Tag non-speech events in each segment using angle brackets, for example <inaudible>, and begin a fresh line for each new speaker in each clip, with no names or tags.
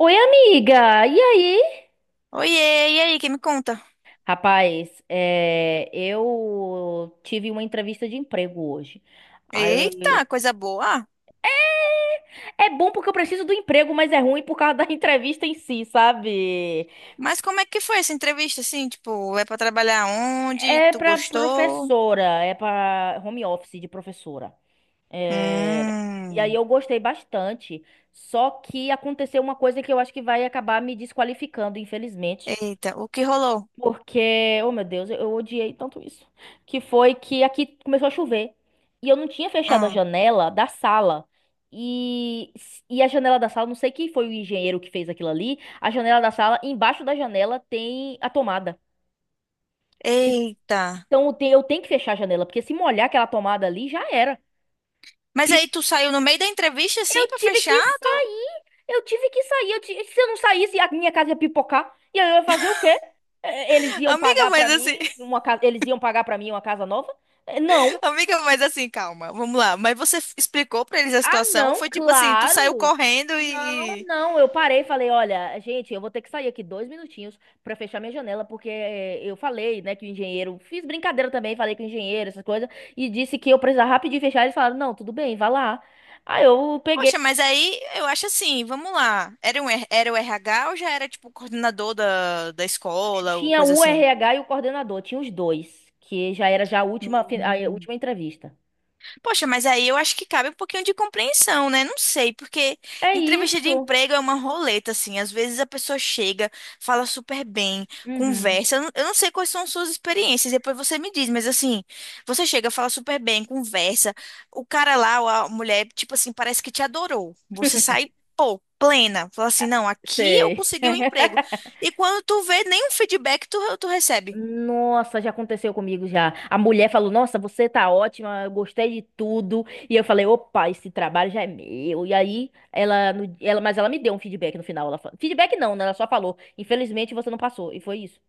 Oi, amiga! E aí?
Oiê, e aí, quem me conta?
Rapaz, é, eu tive uma entrevista de emprego hoje. Aí eu-
Eita, coisa boa. Ah,
é bom porque eu preciso do emprego, mas é ruim por causa da <laughs> entrevista em si, sabe?
mas como é que foi essa entrevista, assim? Tipo, é pra trabalhar onde?
É
Tu
pra
gostou?
professora, é pra home office de professora. É. E aí
Hum.
eu gostei bastante. Só que aconteceu uma coisa que eu acho que vai acabar me desqualificando, infelizmente.
Eita, o que rolou?
Porque, oh meu Deus, eu odiei tanto isso. Que foi que aqui começou a chover. E eu não tinha fechado a
Hum.
janela da sala. E, e a janela da sala, não sei quem foi o engenheiro que fez aquilo ali. A janela da sala, embaixo da janela tem a tomada.
Eita.
Então eu tenho que fechar a janela, porque se molhar aquela tomada ali, já era.
Mas aí tu saiu no meio da entrevista, assim,
Eu
pra
tive
fechar?
que sair. Eu tive que sair. Se eu não saísse, a minha casa ia pipocar. E aí eu ia fazer o quê? Eles
<laughs>
iam
Amiga,
pagar pra
mas assim,
mim
<laughs>
uma casa, eles iam pagar para mim uma casa nova? Não.
amiga, mas assim, calma, vamos lá. Mas você explicou pra eles a
Ah,
situação? Ou
não,
foi tipo assim, tu saiu
claro.
correndo
Não,
e,
não. Eu parei e falei, olha, gente, eu vou ter que sair aqui dois minutinhos pra fechar minha janela, porque eu falei, né, que o engenheiro, fiz brincadeira também, falei com o engenheiro, essas coisas, e disse que eu precisava rapidinho fechar. Eles falaram, não, tudo bem, vá lá. Aí eu peguei.
poxa, mas aí eu acho assim, vamos lá. Era o RH ou já era tipo coordenador da escola, ou
Tinha
coisa
o
assim?
RH e o coordenador, tinha os dois, que já era já a última, a
Hum.
última entrevista.
Poxa, mas aí eu acho que cabe um pouquinho de compreensão, né? Não sei, porque
É
entrevista de
isso.
emprego é uma roleta, assim. Às vezes a pessoa chega, fala super bem,
Uhum.
conversa. Eu não sei quais são suas experiências, depois você me diz, mas assim, você chega, fala super bem, conversa. O cara lá, ou a mulher, tipo assim, parece que te adorou. Você sai, pô, plena. Fala assim, não, aqui eu
Sei.
consegui o um emprego.
<laughs>
E quando tu vê, nenhum feedback tu recebe.
Nossa, já aconteceu comigo já. A mulher falou: Nossa, você tá ótima, eu gostei de tudo. E eu falei: Opa, esse trabalho já é meu. E aí, ela, ela, mas ela me deu um feedback no final. Ela, feedback não, né? Ela só falou: Infelizmente você não passou. E foi isso.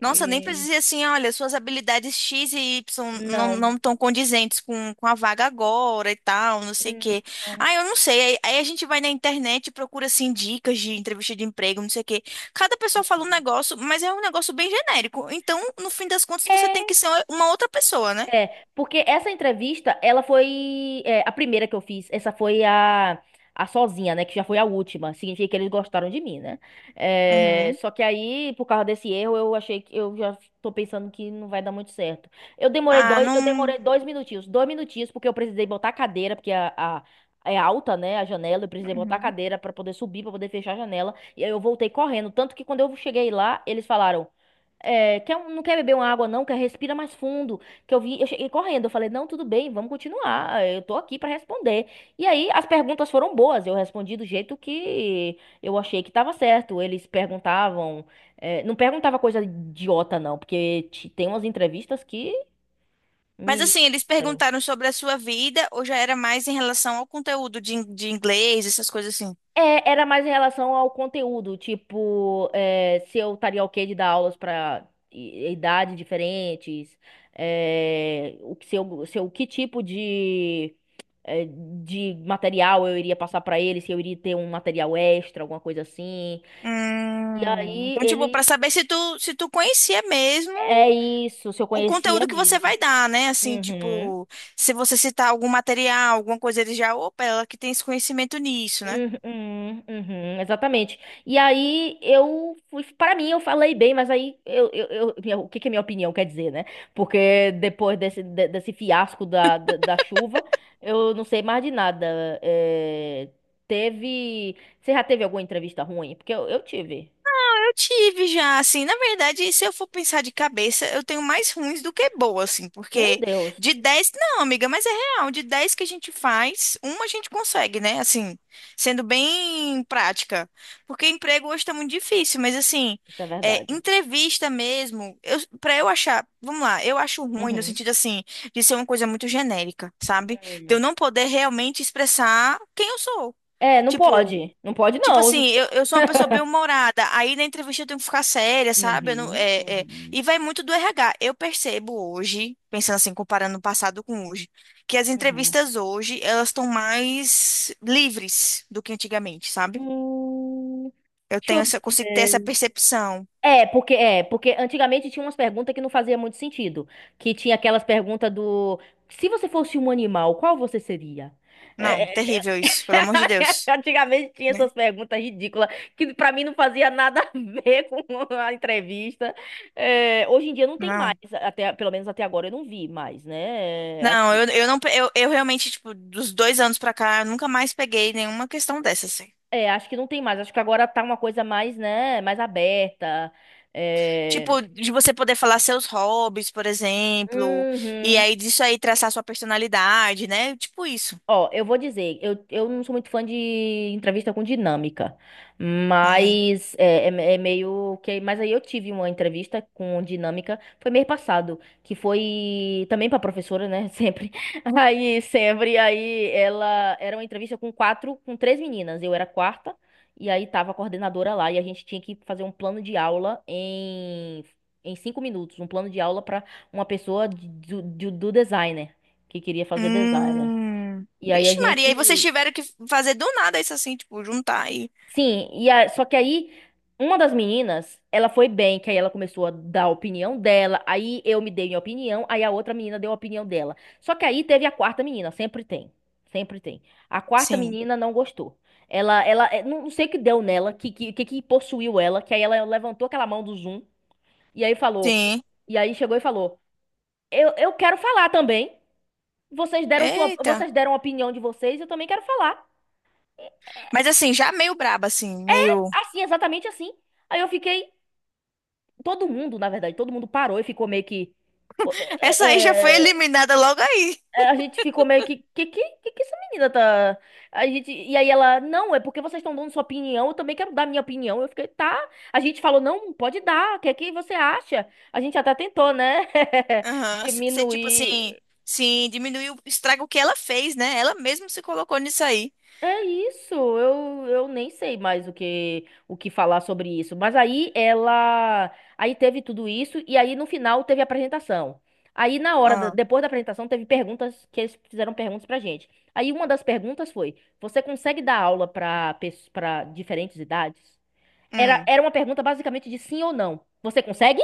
Nossa, nem precisa
E-
dizer assim, olha, suas habilidades X e Y não
Não.
não estão condizentes com a vaga agora e tal, não sei o
Hum.
quê.
Não.
Ah, eu não sei. Aí a gente vai na internet e procura, assim, dicas de entrevista de emprego, não sei o quê. Cada pessoa fala um
Uhum.
negócio, mas é um negócio bem genérico. Então, no fim das contas, você tem
É,
que ser uma outra pessoa, né?
Porque essa entrevista, ela foi a primeira que eu fiz. Essa foi a sozinha, né? Que já foi a última. Significa que eles gostaram de mim, né? É,
Uhum.
só que aí, por causa desse erro, eu achei que eu já tô pensando que não vai dar muito certo.
Ah,
Eu
não.
demorei dois minutinhos, porque eu precisei botar a cadeira, porque é alta, né? A janela, eu precisei botar a
Uhum.
cadeira pra poder subir, pra poder fechar a janela. E aí eu voltei correndo. Tanto que quando eu cheguei lá, eles falaram. É, quer, não quer beber uma água, não, quer respira mais fundo. Que eu vi, eu cheguei correndo, eu falei, não, tudo bem, vamos continuar. Eu tô aqui pra responder. E aí as perguntas foram boas, eu respondi do jeito que eu achei que tava certo. Eles perguntavam, é, não perguntava coisa idiota, não, porque tem umas entrevistas que.
Mas
meni-
assim, eles perguntaram sobre a sua vida ou já era mais em relação ao conteúdo de inglês, essas coisas assim?
É, era mais em relação ao conteúdo, tipo, é, se eu estaria ok de dar aulas pra idades diferentes, é, o que, se eu, se eu- que tipo de eh, de material eu iria passar pra ele, se eu iria ter um material extra, alguma coisa assim. E aí
Então, tipo, pra
ele.
saber se tu conhecia mesmo
É isso, se eu
o
conhecia
conteúdo que você
mesmo.
vai dar, né? Assim,
Uhum.
tipo, se você citar algum material, alguma coisa, ele já, opa, ela que tem esse conhecimento nisso, né?
Uhum, uhum, exatamente. E aí eu fui, para mim eu falei bem, mas aí o que que a minha opinião quer dizer, né? Porque depois desse fiasco da chuva, eu não sei mais de nada. É, teve, você já teve alguma entrevista ruim? Porque eu tive.
Eu tive já, assim, na verdade, se eu for pensar de cabeça, eu tenho mais ruins do que boas assim,
Meu
porque
Deus.
de 10 não, amiga, mas é real, de 10 que a gente faz, uma a gente consegue, né? Assim, sendo bem prática. Porque emprego hoje tá muito difícil, mas assim,
Isso é
é,
verdade.
entrevista mesmo, eu, pra eu achar, vamos lá, eu acho ruim no
Uhum.
sentido, assim, de ser uma coisa muito genérica, sabe? De
Hum.
eu não poder realmente expressar quem eu sou.
É, não
Tipo,
pode. Não pode,
tipo
não.
assim, eu sou uma pessoa bem
<laughs>
humorada, aí na entrevista eu tenho que ficar séria, sabe? Eu não-
Uhum. Uhum.
e vai muito do RH. Eu percebo hoje, pensando assim, comparando o passado com hoje, que as
Uhum.
entrevistas hoje, elas estão mais livres do que antigamente, sabe?
Hum, deixa eu
Eu consigo ter essa
ver.
percepção.
É, porque antigamente tinha umas perguntas que não fazia muito sentido, que tinha aquelas perguntas do se você fosse um animal, qual você seria?
Não,
É, é,
terrível isso, pelo amor de
<laughs>
Deus,
Antigamente tinha
né?
essas perguntas ridículas que pra mim não fazia nada a ver <laughs> com a entrevista. É, hoje em dia não tem mais,
Não.
até, pelo menos até agora eu não vi mais, né? É,
Não, eu não, pe- eu realmente, tipo, dos 2 anos pra cá, eu nunca mais peguei nenhuma questão dessa, assim.
acho que não tem mais. Acho que agora tá uma coisa mais, né, mais aberta. É.
Tipo, de você poder falar seus hobbies, por exemplo, e
Uhum.
aí disso aí traçar sua personalidade, né? Tipo isso.
Ó, eu vou dizer, eu não sou muito fã de entrevista com dinâmica,
Ai.
mas é meio que. Mas aí eu tive uma entrevista com dinâmica, foi mês passado, que foi também pra professora, né? <laughs> Sempre. Aí, sempre. Aí ela era uma entrevista com quatro, com três meninas, eu era a quarta, e aí tava a coordenadora lá, e a gente tinha que fazer um plano de aula em cinco minutos, um plano de aula pra uma pessoa do designer, que queria fazer designer.
Hum.
E aí a
Vixe, Maria, aí
gente.
vocês tiveram que fazer do nada isso assim, tipo, juntar aí.
Sim, só que aí uma das meninas, ela foi bem, que aí ela começou a dar a opinião dela, aí eu me dei minha opinião, aí a outra menina deu a opinião dela. Só que aí teve a quarta menina, sempre tem. Sempre tem. A quarta
Sim.
menina não gostou. Não não sei o que deu nela, que possuiu ela, que aí ela levantou aquela mão do Zoom e aí falou.
Sim.
E aí chegou e falou: eu quero falar também. Vocês deram sua,
Eita.
vocês deram a opinião de vocês, eu também quero falar.
Mas assim, já meio braba, assim, meio.
Assim, exatamente assim. Aí eu fiquei. Todo mundo, na verdade, todo mundo parou e ficou meio que.
Essa aí já foi
é, é,
eliminada logo aí.
a gente ficou meio que. Que essa menina tá. A gente, e aí ela, não, é porque vocês estão dando sua opinião, eu também quero dar minha opinião. Eu fiquei, tá. A gente falou, não, pode dar, o que é que você acha? A gente até tentou, né? <laughs>
Aham. Você, tipo assim,
Diminuir.
sim, diminuiu, estraga o que ela fez, né? Ela mesma se colocou nisso aí.
É isso, eu nem sei mais o que falar sobre isso. Mas aí ela, aí teve tudo isso e aí no final teve a apresentação. Aí na hora
Ah.
depois da apresentação teve perguntas que eles fizeram perguntas pra gente. Aí uma das perguntas foi: você consegue dar aula para diferentes idades? Era,
Hum.
era uma pergunta basicamente de sim ou não. Você consegue?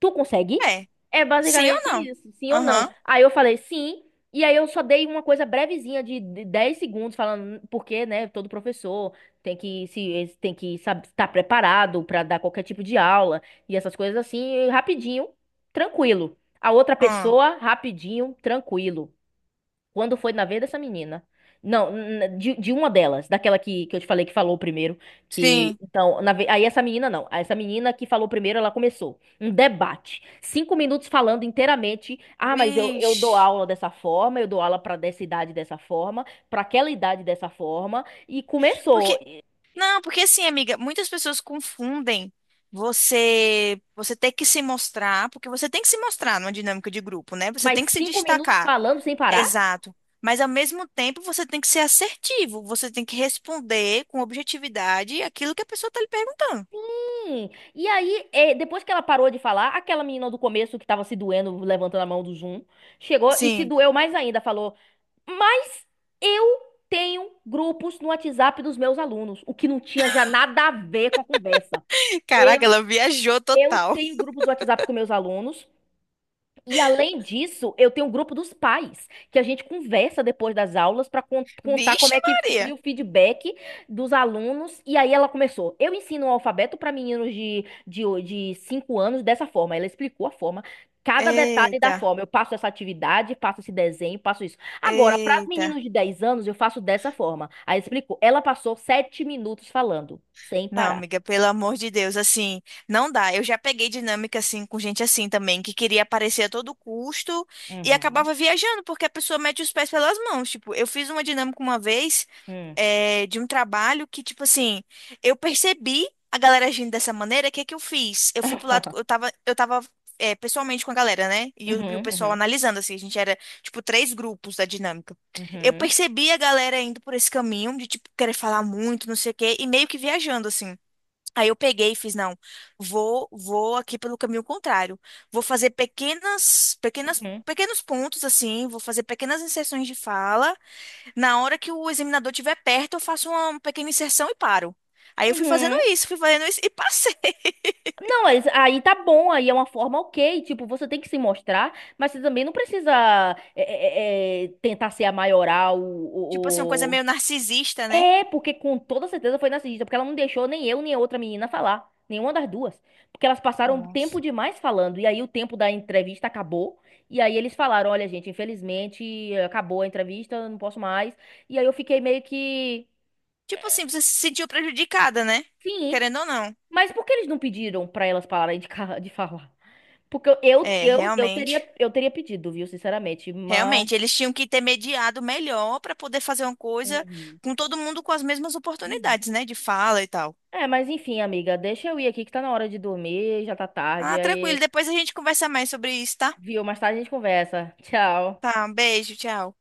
Tu consegue?
É.
É
Sim ou
basicamente
não?
isso, sim ou não.
Aham.
Aí eu falei sim, e aí eu só dei uma coisa brevezinha de 10 segundos falando porque, né, todo professor tem que se tem que saber estar preparado para dar qualquer tipo de aula e essas coisas assim, e rapidinho, tranquilo. A outra
Ahn.
pessoa, rapidinho, tranquilo. Quando foi na vez dessa menina? Não, de uma delas, daquela que eu te falei que falou primeiro, que
Sim.
então, aí essa menina não, essa menina que falou primeiro, ela começou um debate, 5 minutos falando inteiramente, ah, mas eu dou
Vixe.
aula dessa forma, eu dou aula pra dessa idade dessa forma, pra aquela idade dessa forma, e começou,
Porque, não, porque assim, amiga, muitas pessoas confundem você ter que se mostrar, porque você tem que se mostrar numa dinâmica de grupo, né? Você
mas
tem que se
5 minutos
destacar.
falando sem parar.
Exato. Mas ao mesmo tempo, você tem que ser assertivo, você tem que responder com objetividade aquilo que a pessoa está lhe perguntando.
Hum, E aí, depois que ela parou de falar, aquela menina do começo que tava se doendo, levantando a mão do Zoom, chegou e se
Sim.
doeu mais ainda, falou: Mas eu tenho grupos no WhatsApp dos meus alunos, o que não tinha já nada a ver com a conversa.
<laughs>
Eu,
Caraca, ela viajou
eu
total.
tenho grupos do WhatsApp com meus alunos e além disso, eu tenho um grupo dos pais, que a gente conversa depois das aulas para contar como
Vixe,
é que foi
Maria.
o feedback dos alunos. E aí ela começou. Eu ensino o alfabeto para meninos de 5 anos dessa forma. Ela explicou a forma, cada detalhe da
Eita,
forma. Eu passo essa atividade, passo esse desenho, passo isso. Agora, para os
eita.
meninos de 10 anos, eu faço dessa forma. Aí explicou. Ela passou 7 minutos falando, sem
Não,
parar.
amiga, pelo amor de Deus, assim, não dá. Eu já peguei dinâmica assim com gente assim também, que queria aparecer a todo custo e
Uhum.
acabava viajando, porque a pessoa mete os pés pelas mãos. Tipo, eu fiz uma dinâmica uma vez,
Hum.
de um trabalho que, tipo assim, eu percebi a galera agindo dessa maneira, o que que eu fiz? Eu fui pro lado,
<laughs>
eu tava, pessoalmente com a galera, né? E o
Uhum,
pessoal
uhum,
analisando, assim, a gente era, tipo, três grupos da dinâmica. Eu
uhum,
percebi a galera indo por esse caminho de, tipo, querer falar muito, não sei o quê, e meio que viajando, assim. Aí eu peguei e fiz, não, vou aqui pelo caminho contrário. Vou fazer
uhum,
pequenos pontos assim, vou fazer pequenas inserções de fala. Na hora que o examinador estiver perto, eu faço uma pequena inserção e paro. Aí eu
uhum.
fui fazendo isso e passei. <laughs>
Não, mas aí tá bom, aí é uma forma ok, tipo, você tem que se mostrar, mas você também não precisa tentar ser a maioral
Tipo assim, uma coisa
o ou-
meio narcisista, né?
É, porque com toda certeza foi narcisista, porque ela não deixou nem eu nem a outra menina falar, nenhuma das duas. Porque elas passaram tempo
Nossa.
demais falando, e aí o tempo da entrevista acabou, e aí eles falaram, olha, gente, infelizmente acabou a entrevista, não posso mais. E aí eu fiquei meio que.
Tipo assim, você se sentiu prejudicada, né?
Sim,
Querendo ou não.
mas por que eles não pediram pra elas pararem de, de falar? Porque
É, realmente.
eu teria pedido, viu, sinceramente, mas.
Realmente, eles tinham que ter mediado melhor para poder fazer uma coisa
Uhum,
com todo mundo com as mesmas
uhum.
oportunidades, né, de fala e tal.
É, mas enfim, amiga, deixa eu ir aqui que tá na hora de dormir, já tá tarde,
Ah,
aí,
tranquilo, depois a gente conversa mais sobre isso, tá?
viu, mais tarde a gente conversa. Tchau.
Tá, um beijo, tchau.